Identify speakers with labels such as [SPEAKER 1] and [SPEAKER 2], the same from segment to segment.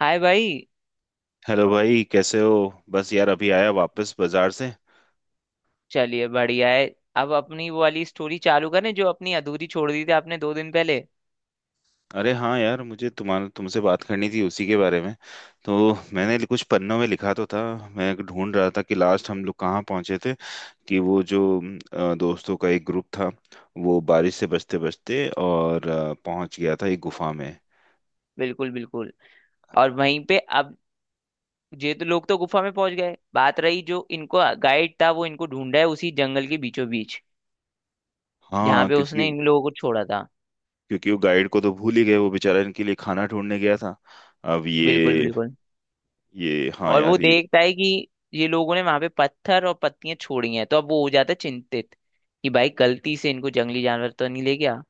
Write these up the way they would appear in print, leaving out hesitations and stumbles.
[SPEAKER 1] हाय भाई।
[SPEAKER 2] हेलो भाई, कैसे हो। बस यार, अभी आया वापस बाजार से।
[SPEAKER 1] चलिए बढ़िया है। अब अपनी वो वाली स्टोरी चालू करें जो अपनी अधूरी छोड़ दी थी आपने 2 दिन पहले।
[SPEAKER 2] अरे हाँ यार, मुझे तुम्हारा तुमसे बात करनी थी उसी के बारे में। तो मैंने कुछ पन्नों में लिखा तो था। मैं ढूंढ रहा था कि लास्ट हम लोग कहाँ पहुँचे थे, कि वो जो दोस्तों का एक ग्रुप था, वो बारिश से बचते बचते और पहुंच गया था एक गुफा में।
[SPEAKER 1] बिल्कुल बिल्कुल। और वहीं पे अब ये तो लोग तो गुफा में पहुंच गए, बात रही जो इनको गाइड था वो इनको ढूंढा है उसी जंगल के बीचों बीच जहाँ
[SPEAKER 2] हाँ।
[SPEAKER 1] पे
[SPEAKER 2] क्योंकि
[SPEAKER 1] उसने इन लोगों को छोड़ा था।
[SPEAKER 2] क्योंकि वो गाइड को तो भूल ही गए, वो बेचारा इनके लिए खाना ढूंढने गया था। अब
[SPEAKER 1] बिल्कुल बिल्कुल।
[SPEAKER 2] ये हाँ
[SPEAKER 1] और वो
[SPEAKER 2] यार, ये
[SPEAKER 1] देखता है कि ये लोगों ने वहां पे पत्थर और पत्तियां छोड़ी हैं तो अब वो हो जाता है चिंतित कि भाई गलती से इनको जंगली जानवर तो नहीं ले गया।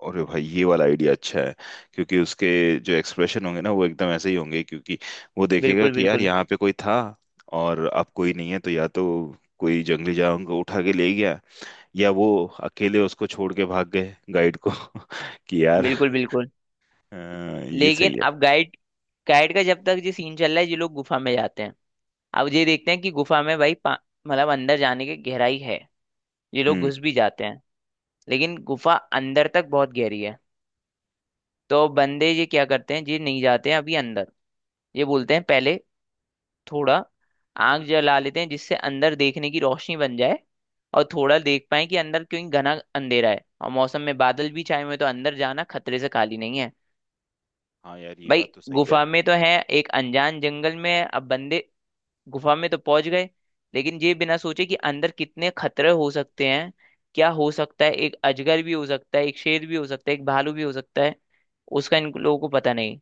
[SPEAKER 2] और भाई ये वाला आइडिया अच्छा है। क्योंकि उसके जो एक्सप्रेशन होंगे ना, वो एकदम ऐसे ही होंगे, क्योंकि वो देखेगा
[SPEAKER 1] बिल्कुल
[SPEAKER 2] कि यार
[SPEAKER 1] बिल्कुल
[SPEAKER 2] यहाँ पे कोई था और अब कोई नहीं है। तो या तो कोई जंगली जानवर को उठा के ले गया, या वो अकेले उसको छोड़ के भाग गए गाइड को। कि यार,
[SPEAKER 1] बिल्कुल बिल्कुल।
[SPEAKER 2] अ, ये
[SPEAKER 1] लेकिन
[SPEAKER 2] सही है।
[SPEAKER 1] अब गाइड गाइड का जब तक ये सीन चल रहा है ये लोग गुफा में जाते हैं। अब ये देखते हैं कि गुफा में भाई मतलब अंदर जाने की गहराई है। ये लोग
[SPEAKER 2] हम्म।
[SPEAKER 1] घुस भी जाते हैं लेकिन गुफा अंदर तक बहुत गहरी है। तो बंदे ये क्या करते हैं, ये नहीं जाते हैं अभी अंदर। ये बोलते हैं पहले थोड़ा आग जला लेते हैं जिससे अंदर देखने की रोशनी बन जाए और थोड़ा देख पाए कि अंदर क्यों घना अंधेरा है, और मौसम में बादल भी छाए हुए हैं, तो अंदर जाना खतरे से खाली नहीं है।
[SPEAKER 2] हाँ यार, ये
[SPEAKER 1] भाई
[SPEAKER 2] बात तो सही है।
[SPEAKER 1] गुफा में तो है, एक अनजान जंगल में है, अब बंदे गुफा में तो पहुंच गए लेकिन ये बिना सोचे कि अंदर कितने खतरे हो सकते हैं। क्या हो सकता है, एक अजगर भी हो सकता है, एक शेर भी हो सकता है, एक भालू भी हो सकता है। उसका इन लोगों को पता नहीं।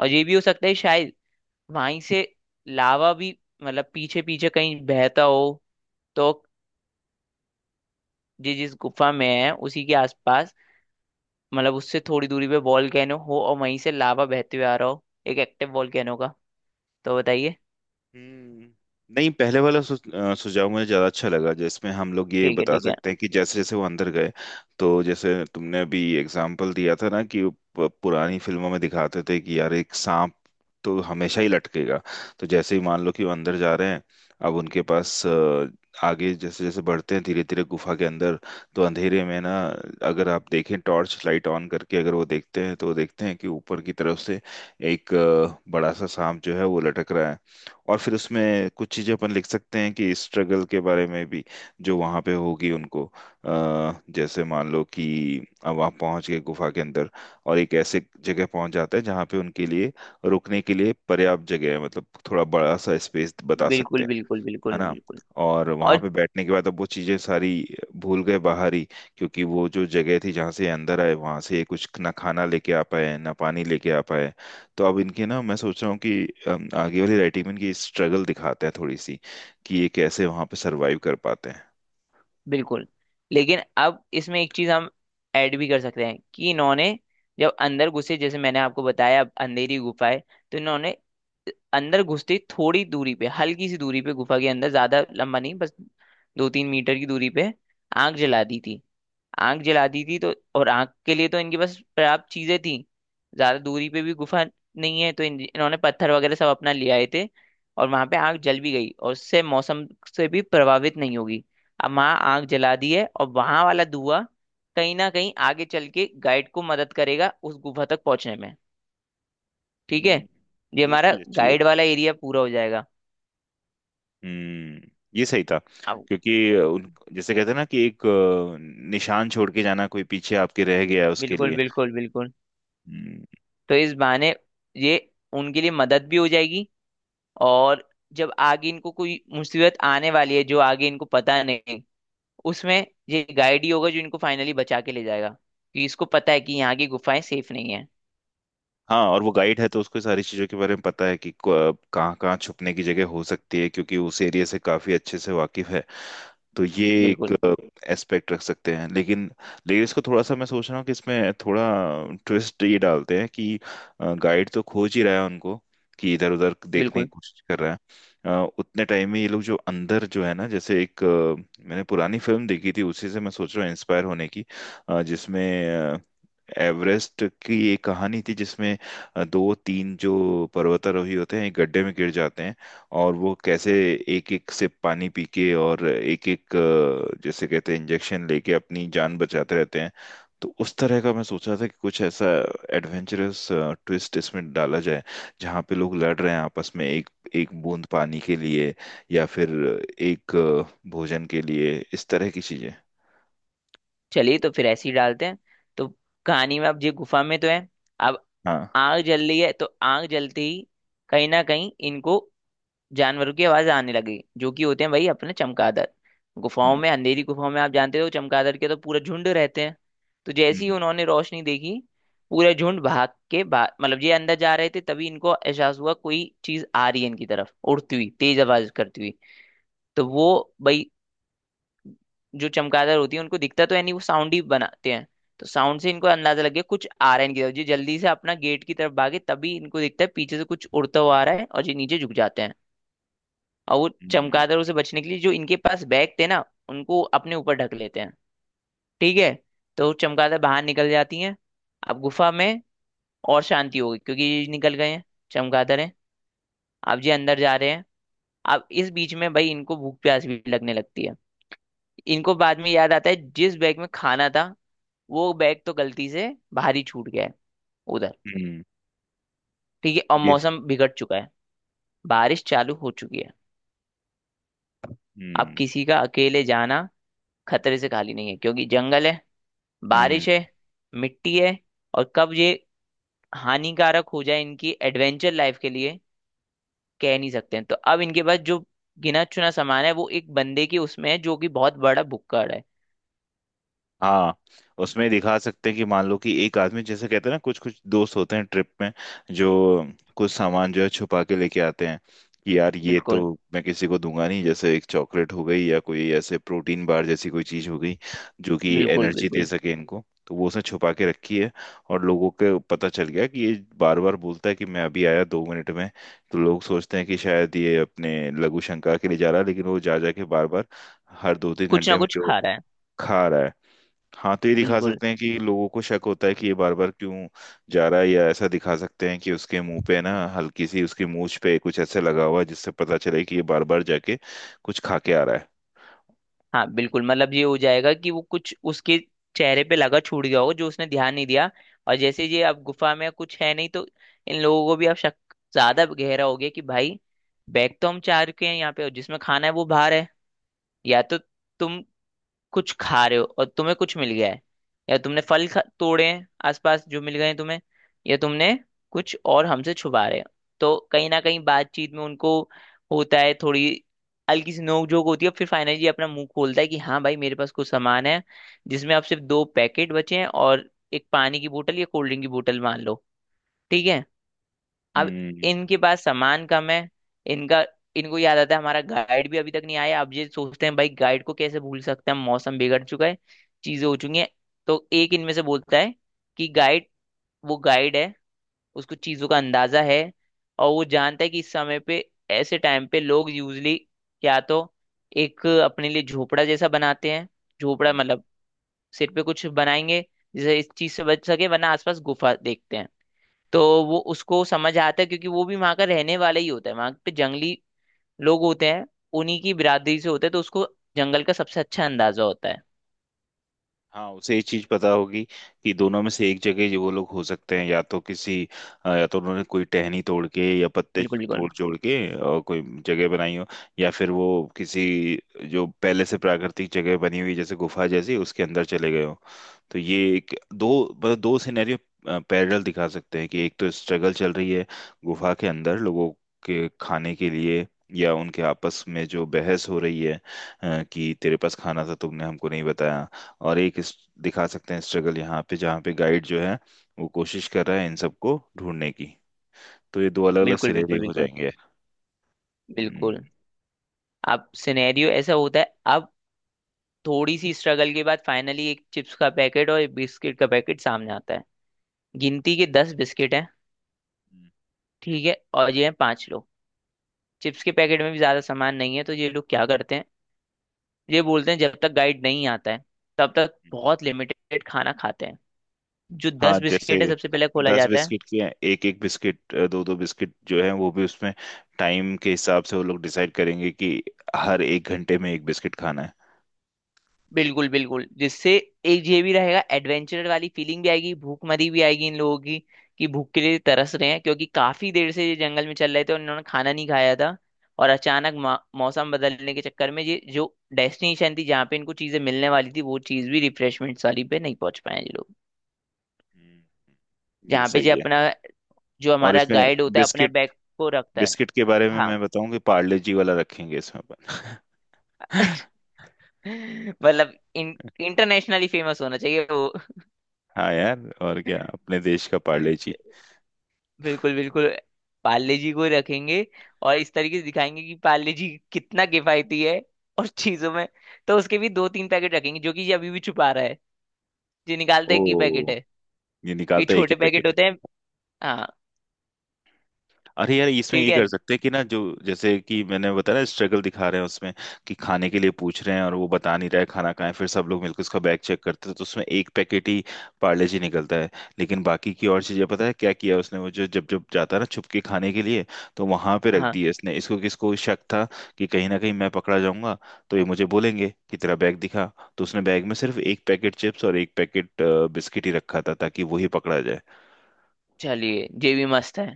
[SPEAKER 1] और ये भी हो सकता है शायद वहीं से लावा भी, मतलब पीछे पीछे कहीं बहता हो। तो ये जिस गुफा में है उसी के आसपास, मतलब उससे थोड़ी दूरी पे वॉल्केनो हो और वहीं से लावा बहते हुए आ रहा हो एक एक्टिव वॉल्केनो का। तो बताइए।
[SPEAKER 2] हम्म, नहीं, पहले वाला सुझाव मुझे ज्यादा अच्छा लगा, जिसमें हम लोग ये
[SPEAKER 1] ठीक है
[SPEAKER 2] बता
[SPEAKER 1] ठीक है।
[SPEAKER 2] सकते हैं कि जैसे जैसे वो अंदर गए। तो जैसे तुमने अभी एग्जाम्पल दिया था ना, कि पुरानी फिल्मों में दिखाते थे कि यार एक सांप तो हमेशा ही लटकेगा। तो जैसे ही मान लो कि वो अंदर जा रहे हैं, अब उनके पास आगे जैसे जैसे बढ़ते हैं धीरे धीरे गुफा के अंदर, तो अंधेरे में ना अगर आप देखें, टॉर्च लाइट ऑन करके अगर वो देखते हैं, तो वो देखते हैं कि ऊपर की तरफ से एक बड़ा सा सांप जो है वो लटक रहा है। और फिर उसमें कुछ चीजें अपन लिख सकते हैं कि स्ट्रगल के बारे में भी, जो वहां पे होगी उनको। जैसे मान लो कि अब वहां पहुंच गए गुफा के अंदर, और एक ऐसे जगह पहुंच जाते हैं जहाँ पे उनके लिए रुकने के लिए पर्याप्त जगह है, मतलब थोड़ा बड़ा सा स्पेस बता सकते
[SPEAKER 1] बिल्कुल
[SPEAKER 2] हैं,
[SPEAKER 1] बिल्कुल
[SPEAKER 2] है
[SPEAKER 1] बिल्कुल
[SPEAKER 2] ना।
[SPEAKER 1] बिल्कुल।
[SPEAKER 2] और वहां
[SPEAKER 1] और
[SPEAKER 2] पे बैठने के बाद अब वो चीजें सारी भूल गए बाहर ही, क्योंकि वो जो जगह थी जहाँ से ये अंदर आए, वहां से ये कुछ ना खाना लेके आ पाए, ना पानी लेके आ पाए। तो अब इनके ना, मैं सोच रहा हूँ कि आगे वाली राइटिंग में इनकी स्ट्रगल दिखाते हैं थोड़ी सी, कि ये कैसे वहां पे सरवाइव कर पाते हैं।
[SPEAKER 1] बिल्कुल। लेकिन अब इसमें एक चीज हम ऐड भी कर सकते हैं कि इन्होंने, जब अंदर घुसे जैसे मैंने आपको बताया, अब अंधेरी गुफा है। तो इन्होंने अंदर घुसते ही थोड़ी दूरी पे, हल्की सी दूरी पे गुफा के अंदर, ज्यादा लंबा नहीं, बस 2-3 मीटर की दूरी पे आग जला दी थी। आंख जला दी थी तो, और आंख के लिए तो इनके पास पर्याप्त चीजें थी। ज्यादा दूरी पे भी गुफा नहीं है तो इन्होंने पत्थर वगैरह सब अपना ले आए थे। और वहां पे आंख जल भी गई और उससे मौसम से भी प्रभावित नहीं होगी। अब वहां आंख जला दी है और वहां वाला धुआं कहीं ना कहीं आगे चल के गाइड को मदद करेगा उस गुफा तक पहुंचने में। ठीक है।
[SPEAKER 2] हम्म।
[SPEAKER 1] ये
[SPEAKER 2] ये
[SPEAKER 1] हमारा
[SPEAKER 2] चीज अच्छी है।
[SPEAKER 1] गाइड वाला एरिया पूरा हो जाएगा।
[SPEAKER 2] हम्म। ये सही था।
[SPEAKER 1] अब
[SPEAKER 2] क्योंकि उन जैसे कहते हैं ना, कि एक निशान छोड़ के जाना, कोई पीछे आपके रह गया है उसके
[SPEAKER 1] बिल्कुल
[SPEAKER 2] लिए।
[SPEAKER 1] बिल्कुल बिल्कुल।
[SPEAKER 2] हम्म।
[SPEAKER 1] तो इस बहाने ये उनके लिए मदद भी हो जाएगी। और जब आगे इनको कोई मुसीबत आने वाली है जो आगे इनको पता नहीं, उसमें ये गाइड ही होगा जो इनको फाइनली बचा के ले जाएगा, कि इसको पता है कि यहाँ की गुफाएं सेफ नहीं है।
[SPEAKER 2] हाँ, और वो गाइड है तो उसको सारी चीजों के बारे में पता है कि कहाँ कहाँ छुपने की जगह हो सकती है, क्योंकि उस एरिया से काफी अच्छे से वाकिफ है। तो ये एक
[SPEAKER 1] बिल्कुल
[SPEAKER 2] एस्पेक्ट रख सकते हैं, लेकिन लेकिन इसको थोड़ा सा मैं सोच रहा हूँ कि इसमें थोड़ा ट्विस्ट ये डालते हैं कि गाइड तो खोज ही रहा है उनको, कि इधर उधर देखने की
[SPEAKER 1] बिल्कुल।
[SPEAKER 2] कोशिश कर रहा है। उतने टाइम में ये लोग जो अंदर जो है ना, जैसे एक मैंने पुरानी फिल्म देखी थी, उसी से मैं सोच रहा हूँ इंस्पायर होने की। जिसमें अ, एवरेस्ट की एक कहानी थी, जिसमें दो तीन जो पर्वतारोही होते हैं एक गड्ढे में गिर जाते हैं, और वो कैसे एक एक सिप पानी पी के, और एक एक जैसे कहते हैं इंजेक्शन लेके अपनी जान बचाते रहते हैं। तो उस तरह का मैं सोच रहा था कि कुछ ऐसा एडवेंचरस ट्विस्ट इसमें डाला जाए, जहाँ पे लोग लड़ रहे हैं आपस में एक एक बूंद पानी के लिए, या फिर एक भोजन के लिए, इस तरह की चीजें।
[SPEAKER 1] चलिए तो फिर ऐसे ही डालते हैं। तो कहानी में अब ये गुफा में तो है, अब
[SPEAKER 2] हाँ।
[SPEAKER 1] आग जल रही है, तो आग जलते ही कहीं ना कहीं इनको जानवरों की आवाज आने लगी जो कि होते हैं भाई अपने चमगादड़। गुफाओं
[SPEAKER 2] हम्म।
[SPEAKER 1] में, अंधेरी गुफाओं में आप जानते हो चमगादड़ के तो पूरा झुंड रहते हैं। तो जैसे ही
[SPEAKER 2] हम्म।
[SPEAKER 1] उन्होंने रोशनी देखी, पूरा झुंड भाग के, भाग मतलब, ये अंदर जा रहे थे तभी इनको एहसास हुआ कोई चीज आ रही है इनकी तरफ, उड़ती हुई, तेज आवाज करती हुई। तो वो भाई जो चमगादड़ होती है उनको दिखता तो है नहीं, वो साउंड ही बनाते हैं। तो साउंड से इनको अंदाजा लग गया कुछ आ रहा है इनकी तरफ, ये जल्दी से अपना गेट की तरफ भागे, तभी इनको दिखता है पीछे से कुछ उड़ता हुआ आ रहा है और ये नीचे झुक जाते हैं। और वो
[SPEAKER 2] हम्म।
[SPEAKER 1] चमगादड़ों से बचने के लिए जो इनके पास बैग थे ना उनको अपने ऊपर ढक लेते हैं। ठीक है। तो चमगादड़ बाहर निकल जाती हैं। अब गुफा में और शांति होगी क्योंकि ये निकल गए हैं, चमगादड़ हैं। अब ये अंदर जा रहे हैं। अब इस बीच में भाई इनको भूख प्यास भी लगने लगती है। इनको बाद में याद आता है जिस बैग में खाना था वो बैग तो गलती से बाहर ही छूट गया है, उधर।
[SPEAKER 2] हम्म।
[SPEAKER 1] ठीक है, और
[SPEAKER 2] ये
[SPEAKER 1] मौसम बिगड़ चुका है। बारिश चालू हो चुकी है। अब
[SPEAKER 2] हम्म।
[SPEAKER 1] किसी का अकेले जाना खतरे से खाली नहीं है, क्योंकि जंगल है,
[SPEAKER 2] हम्म।
[SPEAKER 1] बारिश है, मिट्टी है, और कब ये हानिकारक हो जाए इनकी एडवेंचर लाइफ के लिए कह नहीं सकते हैं, तो अब इनके पास जो गिना चुना सामान है वो एक बंदे की उसमें है जो कि बहुत बड़ा भुक्कड़ है।
[SPEAKER 2] हाँ, उसमें दिखा सकते हैं कि मान लो कि एक आदमी, जैसे कहते हैं ना, कुछ कुछ दोस्त होते हैं ट्रिप में जो कुछ सामान जो है छुपा के लेके आते हैं, कि यार ये तो
[SPEAKER 1] बिल्कुल
[SPEAKER 2] मैं किसी को दूंगा नहीं। जैसे एक चॉकलेट हो गई, या कोई ऐसे प्रोटीन बार जैसी कोई चीज हो गई जो कि
[SPEAKER 1] बिल्कुल
[SPEAKER 2] एनर्जी दे
[SPEAKER 1] बिल्कुल।
[SPEAKER 2] सके इनको, तो वो उसने छुपा के रखी है। और लोगों को पता चल गया कि ये बार बार बोलता है कि मैं अभी आया 2 मिनट में। तो लोग सोचते हैं कि शायद ये अपने लघु शंका के लिए जा रहा है, लेकिन वो जा जा के बार बार, हर दो तीन
[SPEAKER 1] कुछ ना
[SPEAKER 2] घंटे में
[SPEAKER 1] कुछ
[SPEAKER 2] जो
[SPEAKER 1] खा रहा है।
[SPEAKER 2] खा रहा है। हाँ, तो ये दिखा
[SPEAKER 1] बिल्कुल।
[SPEAKER 2] सकते हैं कि लोगों को शक होता है कि ये बार बार क्यों जा रहा है, या ऐसा दिखा सकते हैं कि उसके मुंह पे ना हल्की सी उसकी मूछ पे कुछ ऐसे लगा हुआ है जिससे पता चले कि ये बार बार जाके कुछ खा के आ रहा है।
[SPEAKER 1] हाँ बिल्कुल, मतलब ये हो जाएगा कि वो कुछ उसके चेहरे पे लगा छूट गया होगा जो उसने ध्यान नहीं दिया। और जैसे ये अब गुफा में कुछ है नहीं, तो इन लोगों को भी अब शक ज्यादा गहरा हो गया कि भाई बैग तो हम चार के हैं यहाँ पे और जिसमें खाना है वो बाहर है। या तो तुम कुछ खा रहे हो और तुम्हें कुछ मिल गया है, या तुमने फल तोड़े हैं आसपास जो मिल गए हैं तुम्हें, या तुमने कुछ और हमसे छुपा रहे हो। तो कहीं ना कहीं बातचीत में उनको होता है, थोड़ी हल्की सी नोकझोंक होती है, फिर फाइनली ये अपना मुंह खोलता है कि हाँ भाई मेरे पास कुछ सामान है, जिसमें अब सिर्फ दो पैकेट बचे हैं और एक पानी की बोतल या कोल्ड ड्रिंक की बोतल, मान लो। ठीक है। अब
[SPEAKER 2] हम्म।
[SPEAKER 1] इनके पास सामान कम है। इनका, इनको याद आता है हमारा गाइड भी अभी तक नहीं आया, अब ये सोचते हैं भाई गाइड को कैसे भूल सकते हैं, मौसम बिगड़ चुका है। चीजें हो चुकी हैं। तो एक इनमें से बोलता है कि गाइड, वो गाइड है, उसको चीजों का अंदाजा है, और वो जानता है कि इस समय पे, ऐसे टाइम पे लोग यूजली या तो एक अपने लिए झोपड़ा जैसा बनाते हैं। झोपड़ा
[SPEAKER 2] हम्म।
[SPEAKER 1] मतलब सिर पे कुछ बनाएंगे जिससे इस चीज से बच सके, वरना आसपास गुफा देखते हैं। तो वो उसको समझ आता है क्योंकि वो भी वहां का रहने वाला ही होता है, वहां पे जंगली लोग होते हैं उन्हीं की बिरादरी से होता है, तो उसको जंगल का सबसे अच्छा अंदाजा होता है।
[SPEAKER 2] हाँ, उसे ये चीज पता होगी कि दोनों में से एक जगह जो वो लोग हो सकते हैं, या तो किसी या तो उन्होंने कोई टहनी तोड़ के या पत्ते
[SPEAKER 1] बिल्कुल बिल्कुल
[SPEAKER 2] तोड़ जोड़ के और कोई जगह बनाई हो, या फिर वो किसी जो पहले से प्राकृतिक जगह बनी हुई जैसे गुफा जैसी उसके अंदर चले गए हो। तो ये एक दो, मतलब दो सिनेरियो पैरेलल दिखा सकते हैं, कि एक तो स्ट्रगल चल रही है गुफा के अंदर लोगों के खाने के लिए, या उनके आपस में जो बहस हो रही है, कि तेरे पास खाना था तुमने हमको नहीं बताया। और एक दिखा सकते हैं स्ट्रगल यहाँ पे जहाँ पे गाइड जो है, वो कोशिश कर रहा है इन सबको ढूंढने की। तो ये दो अलग अलग
[SPEAKER 1] बिल्कुल बिल्कुल
[SPEAKER 2] सिनेरियो हो
[SPEAKER 1] बिल्कुल
[SPEAKER 2] जाएंगे। हम्म।
[SPEAKER 1] बिल्कुल। अब सिनेरियो ऐसा होता है, अब थोड़ी सी स्ट्रगल के बाद फाइनली एक चिप्स का पैकेट और एक बिस्किट का पैकेट सामने आता है। गिनती के 10 बिस्किट हैं। ठीक है, और ये हैं पांच लोग। चिप्स के पैकेट में भी ज्यादा सामान नहीं है, तो ये लोग क्या करते हैं, ये बोलते हैं जब तक गाइड नहीं आता है तब तक बहुत लिमिटेड खाना खाते हैं। जो
[SPEAKER 2] हाँ,
[SPEAKER 1] दस
[SPEAKER 2] जैसे
[SPEAKER 1] बिस्किट है सबसे पहले खोला
[SPEAKER 2] दस
[SPEAKER 1] जाता है।
[SPEAKER 2] बिस्किट के एक एक बिस्किट दो दो बिस्किट जो है वो भी उसमें, टाइम के हिसाब से वो लोग डिसाइड करेंगे कि हर 1 घंटे में एक बिस्किट खाना है।
[SPEAKER 1] बिल्कुल बिल्कुल। जिससे एक ये भी रहेगा, एडवेंचर वाली फीलिंग भी आएगी, भूखमरी भी आएगी इन लोगों की, कि भूख के लिए तरस रहे हैं क्योंकि काफी देर से ये जंगल में चल रहे थे और इन्होंने खाना नहीं खाया था। और अचानक मौसम बदलने के चक्कर में ये जो डेस्टिनेशन थी जहाँ पे इनको चीजें मिलने वाली थी, वो चीज भी, रिफ्रेशमेंट वाली पे नहीं पहुंच पाए ये लोग।
[SPEAKER 2] हम्म। ये
[SPEAKER 1] जहाँ पे, जो
[SPEAKER 2] सही है।
[SPEAKER 1] अपना, जो
[SPEAKER 2] और
[SPEAKER 1] हमारा
[SPEAKER 2] इसमें
[SPEAKER 1] गाइड होता है अपने
[SPEAKER 2] बिस्किट,
[SPEAKER 1] बैग को रखता है।
[SPEAKER 2] बिस्किट के बारे में
[SPEAKER 1] हाँ
[SPEAKER 2] मैं बताऊं, कि पार्ले जी वाला रखेंगे इसमें अपन।
[SPEAKER 1] मतलब इन इंटरनेशनली फेमस होना चाहिए वो।
[SPEAKER 2] हाँ यार, और क्या, अपने देश का पार्ले जी।
[SPEAKER 1] बिल्कुल बिल्कुल। पाले जी को रखेंगे, और इस तरीके से दिखाएंगे कि पाले जी कितना किफायती है और चीजों में। तो उसके भी दो तीन पैकेट रखेंगे जो कि ये अभी भी छुपा रहा है। ये निकालता है कि पैकेट
[SPEAKER 2] ओ,
[SPEAKER 1] है,
[SPEAKER 2] ये
[SPEAKER 1] कि
[SPEAKER 2] निकालता है एक ही
[SPEAKER 1] छोटे पैकेट
[SPEAKER 2] पैकेट है।
[SPEAKER 1] होते हैं। हाँ
[SPEAKER 2] अरे यार, इसमें
[SPEAKER 1] ठीक
[SPEAKER 2] ये
[SPEAKER 1] है
[SPEAKER 2] कर सकते हैं कि ना, जो जैसे कि मैंने बताया ना, स्ट्रगल दिखा रहे हैं उसमें कि खाने के लिए पूछ रहे हैं और वो बता नहीं रहा है खाना कहाँ है, फिर सब लोग मिलकर उसका बैग चेक करते हैं, तो उसमें एक पैकेट ही पार्ले जी निकलता है। लेकिन बाकी की और चीजें पता है क्या किया उसने, वो जो जब जब जाता है ना छुप के खाने के लिए, तो वहां पे रख
[SPEAKER 1] हाँ।
[SPEAKER 2] दिए इसने, इसको किसको शक था कि कहीं ना कहीं मैं पकड़ा जाऊंगा, तो ये मुझे बोलेंगे कि तेरा बैग दिखा। तो उसने बैग में सिर्फ एक पैकेट चिप्स और एक पैकेट बिस्किट ही रखा था ताकि वो ही पकड़ा जाए।
[SPEAKER 1] चलिए ये भी मस्त है।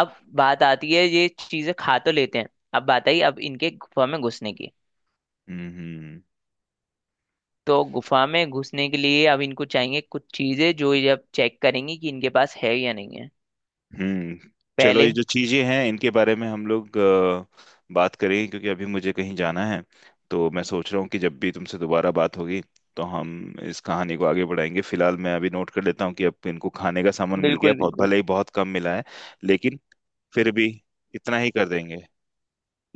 [SPEAKER 1] अब बात आती है ये चीजें खा तो लेते हैं। अब बात आई अब इनके गुफा में घुसने की।
[SPEAKER 2] हम्म।
[SPEAKER 1] तो गुफा में घुसने के लिए अब इनको चाहिए कुछ चीजें जो ये अब चेक करेंगी कि इनके पास है या नहीं है
[SPEAKER 2] हम्म। चलो, ये
[SPEAKER 1] पहले।
[SPEAKER 2] जो चीजें हैं इनके बारे में हम लोग बात करेंगे, क्योंकि अभी मुझे कहीं जाना है। तो मैं सोच रहा हूँ कि जब भी तुमसे दोबारा बात होगी, तो हम इस कहानी को आगे बढ़ाएंगे। फिलहाल मैं अभी नोट कर लेता हूँ कि अब इनको खाने का सामान मिल गया,
[SPEAKER 1] बिल्कुल
[SPEAKER 2] बहुत
[SPEAKER 1] बिल्कुल
[SPEAKER 2] भले ही बहुत कम मिला है, लेकिन फिर भी इतना ही कर देंगे।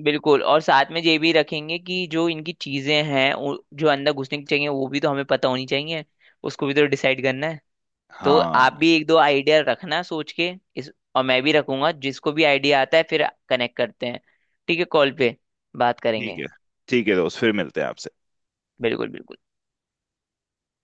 [SPEAKER 1] बिल्कुल। और साथ में ये भी रखेंगे कि जो इनकी चीजें हैं जो अंदर घुसने की चाहिए वो भी तो हमें पता होनी चाहिए। उसको भी तो डिसाइड करना है। तो
[SPEAKER 2] हाँ,
[SPEAKER 1] आप भी एक दो आइडिया रखना सोच के इस, और मैं भी रखूंगा, जिसको भी आइडिया आता है फिर कनेक्ट करते हैं। ठीक है, कॉल पे बात
[SPEAKER 2] ठीक
[SPEAKER 1] करेंगे।
[SPEAKER 2] है। ठीक है दोस्त, फिर मिलते हैं आपसे।
[SPEAKER 1] बिल्कुल बिल्कुल।